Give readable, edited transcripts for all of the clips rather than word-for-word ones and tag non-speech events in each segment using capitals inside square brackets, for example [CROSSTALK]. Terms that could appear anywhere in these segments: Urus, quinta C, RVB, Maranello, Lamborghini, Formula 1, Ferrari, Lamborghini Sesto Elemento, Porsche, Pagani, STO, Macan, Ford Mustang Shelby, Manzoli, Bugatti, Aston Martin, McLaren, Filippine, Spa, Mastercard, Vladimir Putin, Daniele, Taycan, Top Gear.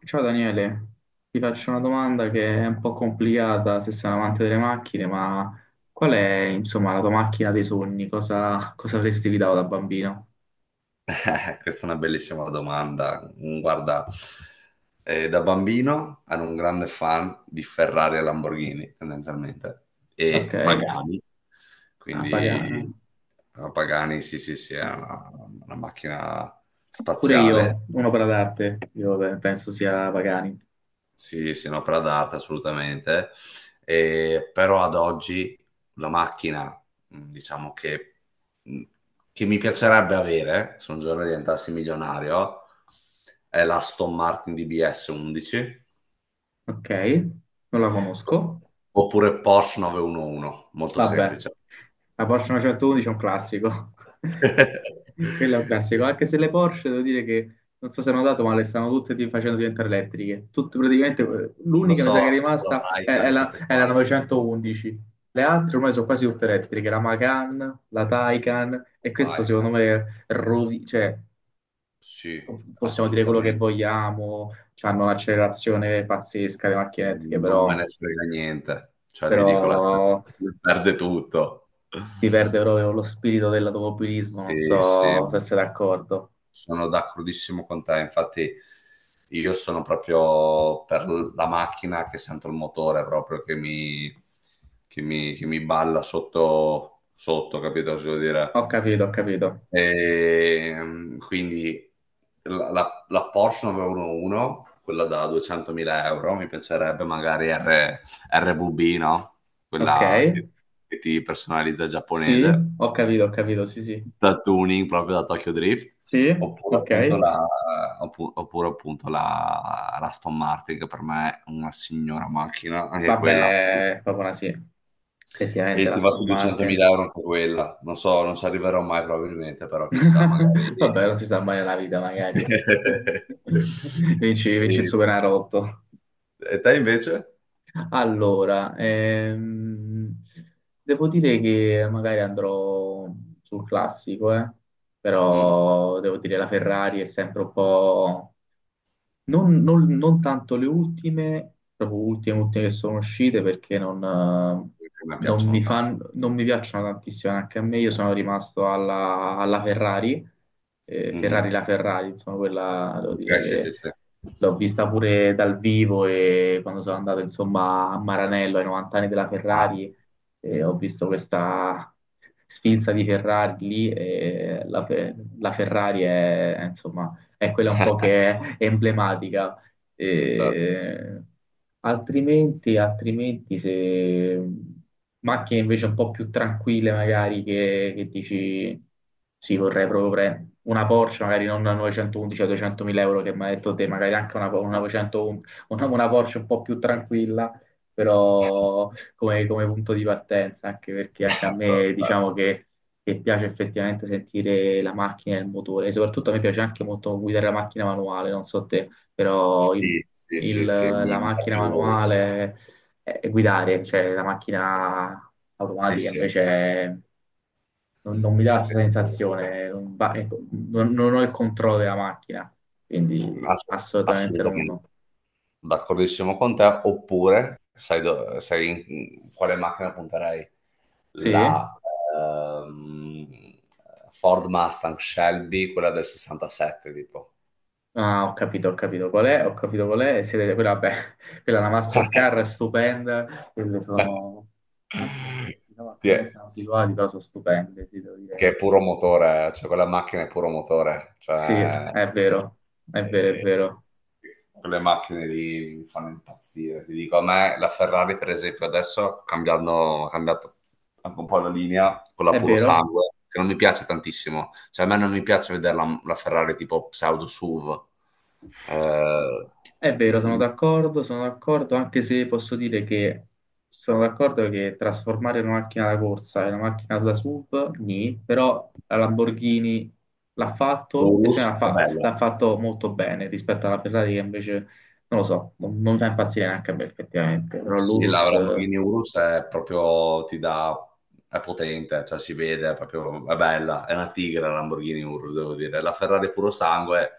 Ciao Daniele, ti faccio una domanda che è un po' complicata se sei un amante delle macchine, ma qual è, insomma, la tua macchina dei sogni? Cosa avresti guidato da bambino? [LAUGHS] Questa è una bellissima domanda. Guarda, da bambino ero un grande fan di Ferrari e Lamborghini, tendenzialmente, Ok, e Pagani. ah, Pagani. Quindi Pagani, sì, sì, sì, è una macchina Pure io, spaziale. un'opera d'arte, io beh, penso sia Pagani. Sì, sì, un'opera d'arte assolutamente. Però ad oggi la macchina, diciamo mh, che mi piacerebbe avere se un giorno diventassi milionario è la Aston Martin DBS 11 Ok, non la conosco. oppure Porsche 911, molto Vabbè, semplice. la Porsche 911 è un classico. [LAUGHS] Quello è un [LAUGHS] classico, anche se le Porsche devo dire che non so se hanno dato, ma le stanno tutte facendo diventare elettriche. Tutte praticamente, Lo l'unica mi sa so, che è la rimasta è, è Taycan, la, queste è qua, la no? 911. Le altre ormai sono quasi tutte elettriche, la Macan, la Taycan, e La questo Taycan, secondo me cioè, sì, sì, possiamo dire quello che assolutamente. vogliamo, hanno un'accelerazione pazzesca le macchine elettriche, Non me però, ne frega niente, cioè ti però dico, la [LAUGHS] Champions perde tutto. si perde proprio lo spirito dell'automobilismo, non Sì, sì, so se sei d'accordo. sono d'accordissimo con te, infatti io sono proprio per la macchina che sento il motore proprio che mi balla sotto, sotto, capito cosa voglio dire? Ho capito, ho capito. Quindi la Porsche 911, quella da 200.000 euro, mi piacerebbe magari RVB, no? Ok, Quella che ti personalizza sì, giapponese, ho capito, sì, sì. da tuning proprio da Tokyo Drift, Sì, oppure ok. appunto la, oppure appunto la Aston Martin, che per me è una signora macchina, anche quella. Vabbè, è proprio una sì. Effettivamente E la ti va Aston su 200.000 Martin. euro anche quella. Non so, non ci arriverò mai probabilmente, però chissà, magari. [LAUGHS] Vabbè, non si sa mai nella vita, magari. [LAUGHS] [LAUGHS] Vinci, vinci il E Superenalotto. e te invece? Allora, devo dire che magari andrò sul classico. eh, Mh, Però devo dire la Ferrari è sempre un po'. Non tanto le ultime, proprio ultime, ultime che sono uscite perché A me piacciono tanto. Non mi piacciono tantissimo anche a me. Io sono rimasto alla Ferrari, eh, Mh-mh. Ferrari la Ferrari, insomma, quella devo dire Okay, sì, sì, che sì. l'ho vista pure dal vivo e quando sono andato insomma a Maranello ai 90 anni della Ah, Ferrari ho visto questa sfilza di Ferrari lì e la Ferrari è, insomma è quella un po' [LAUGHS] che è emblematica. certo, Eh, altrimenti, se macchine invece un po' più tranquille, magari che dici sì, vorrei proprio prendere una Porsche, magari non una 911 a 200.000 euro che mi ha detto te, magari anche una no, 900 una Porsche un po' più tranquilla, però come punto di partenza, anche perché anche a certo, me certo. diciamo che piace effettivamente sentire la macchina e il motore. E soprattutto a me piace anche molto guidare la macchina manuale, non so te, però il- Sì, sì, il- sì, sì, mi la mi dà macchina più manuale è guidare, cioè la macchina sì, automatica sì, invece non mi dà la sì, stessa sensazione, non, va- ecco, non ho il controllo della macchina, sì, quindi assu assolutamente non. assolutamente. No. D'accordissimo con te, oppure sai, quale macchina punterei? Sì? La, ehm, Ford Mustang Shelby, quella del '67 tipo. Ah, ho capito, ho capito qual è, e siete, quella, vabbè, [LAUGHS] quella è la [LAUGHS] Mastercard è stupenda, quelle sono macchine [LAUGHS] che diciamo, Sì, noi non siamo abituati, però sono stupende, sì, devo che è dire. puro motore, cioè quella macchina è puro motore, Sì, cioè è vero, è vero, è eh, vero, quelle macchine lì mi fanno impazzire. Ti dico, a me la Ferrari, per esempio, adesso cambiando, ha cambiato anche un po' la linea con la è puro vero. sangue, che non mi piace tantissimo. Cioè, a me non mi piace vedere la Ferrari tipo pseudo SUV. Eh, È vero, sono d'accordo, anche se posso dire che sono d'accordo che trasformare una macchina da corsa in una macchina da SUV, nì, però la Lamborghini l'ha fatto e se l'ha Urus è fa- bella. l'ha fatto molto bene rispetto alla Ferrari che invece, non lo so, non mi fa impazzire neanche a me effettivamente, però Sì, la l'Urus, Lamborghini Urus è proprio, ti dà, è potente, cioè si vede, è proprio, è bella, è una tigre la Lamborghini Urus, devo dire. La Ferrari puro sangue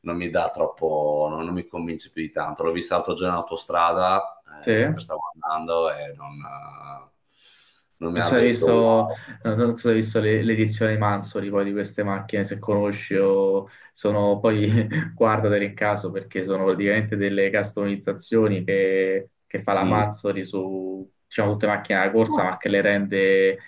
non mi dà troppo, non mi convince più di tanto. L'ho vista l'altro giorno in autostrada, sì. Mentre stavo andando e non mi Non ha so se hai detto wow. visto, non so se hai visto l'edizione di Manzoli poi di queste macchine, se conosci o sono poi [LAUGHS] guardatele in caso perché sono praticamente delle customizzazioni che fa la Mm. Manzoli su diciamo, tutte le macchine da corsa Ma- ma che le rende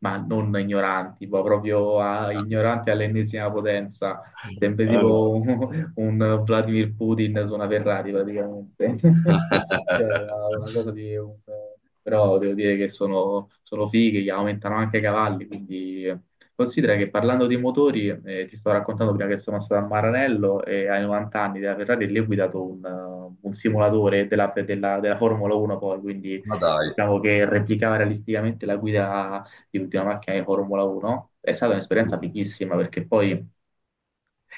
ma non ignoranti, ma proprio [LAUGHS] ignoranti all'ennesima potenza. Sempre Allora. tipo un Vladimir Putin su una Ferrari praticamente. [LAUGHS] Cioè, [LAUGHS] una cosa di un. Però devo dire che sono fighe, che aumentano anche i cavalli, quindi. Considera che parlando di motori, ti sto raccontando prima che sono stato a Maranello e ai 90 anni della Ferrari lì ho guidato un simulatore della Formula 1 poi, quindi Ma dai. diciamo che replicava realisticamente la guida di l'ultima macchina di Formula 1. È stata un'esperienza Mm. fighissima perché poi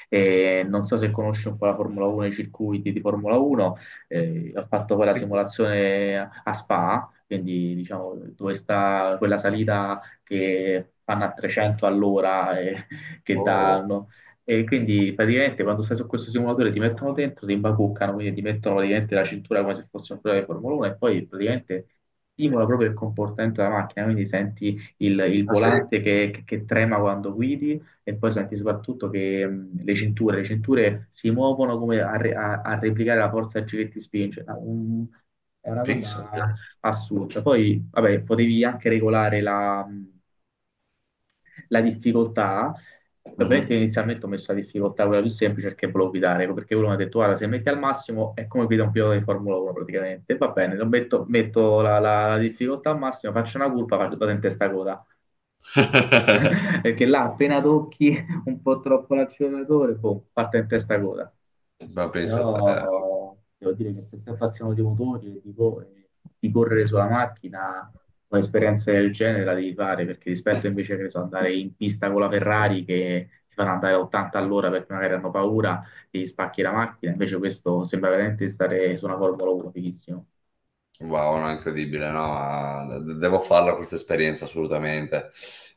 e non so se conosci un po' la Formula 1, i circuiti di Formula 1, ho fatto poi la Sì. simulazione a Spa, quindi diciamo dove sta quella salita che fanno a 300 all'ora e [LAUGHS] che Oh, danno. E quindi praticamente quando stai su questo simulatore ti mettono dentro, ti imbacuccano, quindi ti mettono praticamente la cintura come se fosse un pilota di Formula 1 e poi praticamente stimola proprio il comportamento della macchina, quindi senti il ah sì, volante che trema quando guidi e poi senti soprattutto che le cinture si muovono come a replicare la forza che ti spinge. Ah, è una pensa a te. cosa assurda. Poi, vabbè, potevi anche regolare la difficoltà. Ovviamente Mhm. inizialmente ho messo la difficoltà quella più semplice perché volevo guidare, ecco, perché uno mi ha detto, guarda, se metti al massimo è come guida un pilota di Formula 1 praticamente. Va bene, metto la difficoltà al massimo, faccio una curva, faccio vado in testa coda. [LAUGHS] [LAUGHS] Perché là appena tocchi un po' troppo l'acceleratore, boh, parte in testa coda. Ma pensa a te, Però devo dire che se stai appassionato di motori e di correre sulla macchina, un'esperienza del genere la devi fare, perché rispetto invece che ne so, andare in pista con la Ferrari che ti fanno andare a 80 all'ora perché magari hanno paura, ti spacchi la macchina, invece questo sembra veramente stare su una Formula 1 fighissimo. wow, no, incredibile, no? Devo farla questa esperienza assolutamente,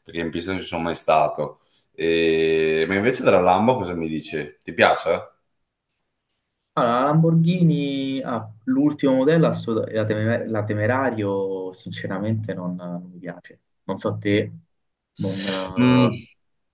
perché in pista non ci sono mai stato. Ma invece della Lambo cosa mi dici? Ti piace? Allora, la Lamborghini, ah, l'ultimo modello, la Temerario, sinceramente non mi piace. Non so te, non, Mm, eh,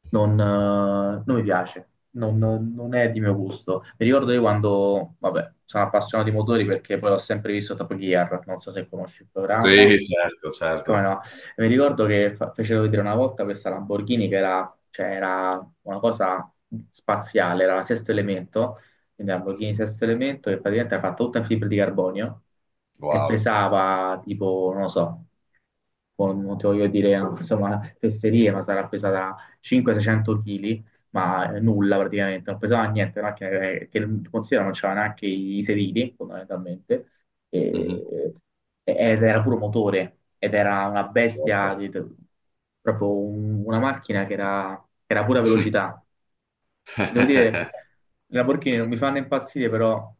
non mi piace, non è di mio gusto. Mi ricordo io quando, vabbè, sono appassionato di motori perché poi l'ho sempre visto Top Gear, non so se conosci il sì, programma. certo, Come certo. no? Mi ricordo che fecero vedere una volta questa Lamborghini che era, cioè, era una cosa spaziale, era la sesto elemento, quindi Lamborghini Sesto Elemento, che praticamente era fatta tutta in fibra di carbonio e Wow. pesava tipo, non lo so, non ti voglio dire insomma fesserie, ma sarà pesata 500-600 kg, ma nulla praticamente, non pesava niente, una macchina che, considera non c'era neanche i sedili fondamentalmente, Mhm. e- ed era puro motore, ed era una bestia, Wow. Proprio una macchina che era, pura velocità. Devo dire, [LAUGHS] i Lamborghini non mi fanno impazzire, però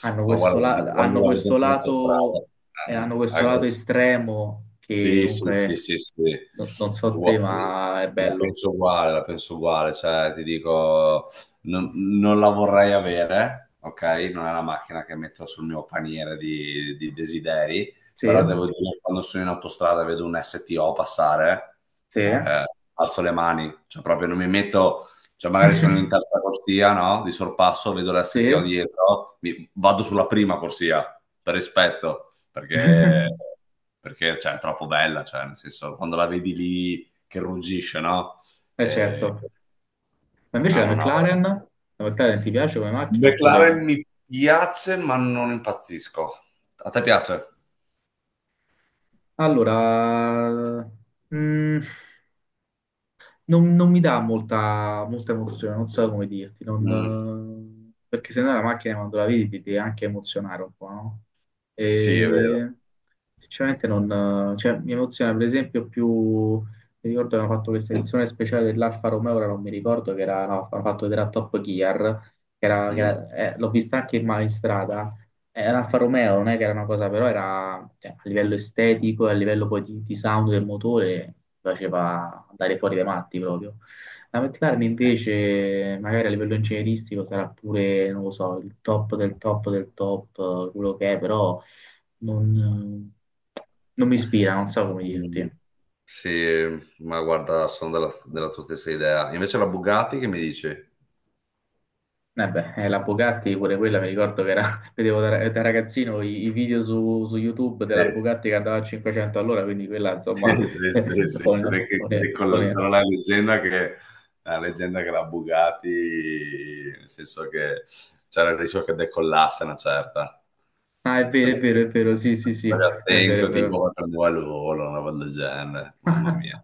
hanno Ma questo, guarda, ti dico, la- quando hanno la questo vedo in autostrada, lato, hanno questo lato aggressiva. estremo che Sì, sì, sì, comunque, sì, sì. non so Ua- te, ma è bello. La penso uguale, cioè ti dico, non, non la vorrei avere, ok? Non è la macchina che metto sul mio paniere di desideri, Sì, però devo dire, quando sono in autostrada e vedo un STO passare, sì, cioè alzo le mani, cioè proprio non mi metto, cioè magari sono in [LAUGHS] terza corsia, no? Di sorpasso, vedo sì, l'STO [LAUGHS] dietro, vado sulla prima corsia, per rispetto perché, perché, cioè, è troppo bella, cioè, nel senso, quando la vedi lì che ruggisce, no? è Eh, certo. Ma invece no, la no, no. McLaren, la McLaren ti piace come macchina McLaren oppure. mi piace, ma non impazzisco. A te piace? Allora, mm, non mi dà molta, molta emozione, non so come dirti, Mm, non, perché se no la macchina quando la vedi ti deve anche emozionare un po', no? sì, è vero. E sinceramente non, cioè, mi emoziona per esempio più, mi ricordo che hanno fatto questa edizione speciale dell'Alfa Romeo, ora non mi ricordo che era, no, hanno fatto vedere a Top Gear, che era, che Mm. era- eh, l'ho vista anche in strada, l'Alfa Romeo non è che era una cosa, però era cioè, a livello estetico, e a livello poi di sound del motore, faceva andare fuori dai matti proprio. La McLaren invece, magari a livello ingegneristico, sarà pure, non lo so, il top del top del top, quello che è, però non, eh, non mi ispira, non so come Mm, dirti. sì, ma guarda, sono della tua stessa idea. Invece la Bugatti che mi dici? Eh beh, la Bugatti pure quella mi ricordo che era, [LAUGHS] vedevo da ragazzino i video su YouTube Sì. della Bugatti che andava a 500 all'ora, quindi quella insomma. [LAUGHS] Sì, sì, sì, o no, o ne- o ne- sarà la leggenda che la Bugatti, nel senso che c'era il rischio che decollasse una certa. Ah, è Se vero, è non vero, stavi è vero, sì, sì, sì, stavi è vero, è attento, vero. tipo, prendeva il volo, una roba del genere, mamma mia.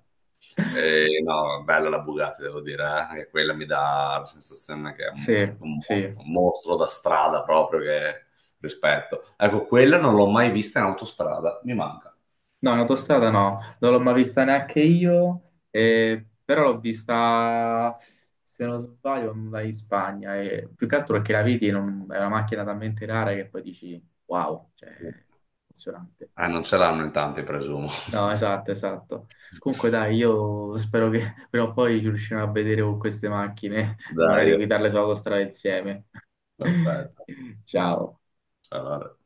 E, no, bella la Bugatti, devo dire, eh. Anche quella mi dà la sensazione che è Sì, è proprio sì. un mostro da strada, proprio che rispetto. Ecco, quella non l'ho mai vista in autostrada, mi manca. No, in autostrada no, non l'ho mai vista neanche io, però l'ho vista, se non sbaglio, andai in Spagna, e più che altro perché la vedi, è una macchina talmente rara che poi dici, wow, cioè, impressionante. Non ce l'hanno in tanti, presumo. No, esatto, esatto. Comunque dai, io spero che [LAUGHS] prima o poi ci riusciremo a vedere con queste macchine [LAUGHS] e magari Dai, guidarle sull'autostrada insieme. [LAUGHS] perfetto. Ciao. Allora.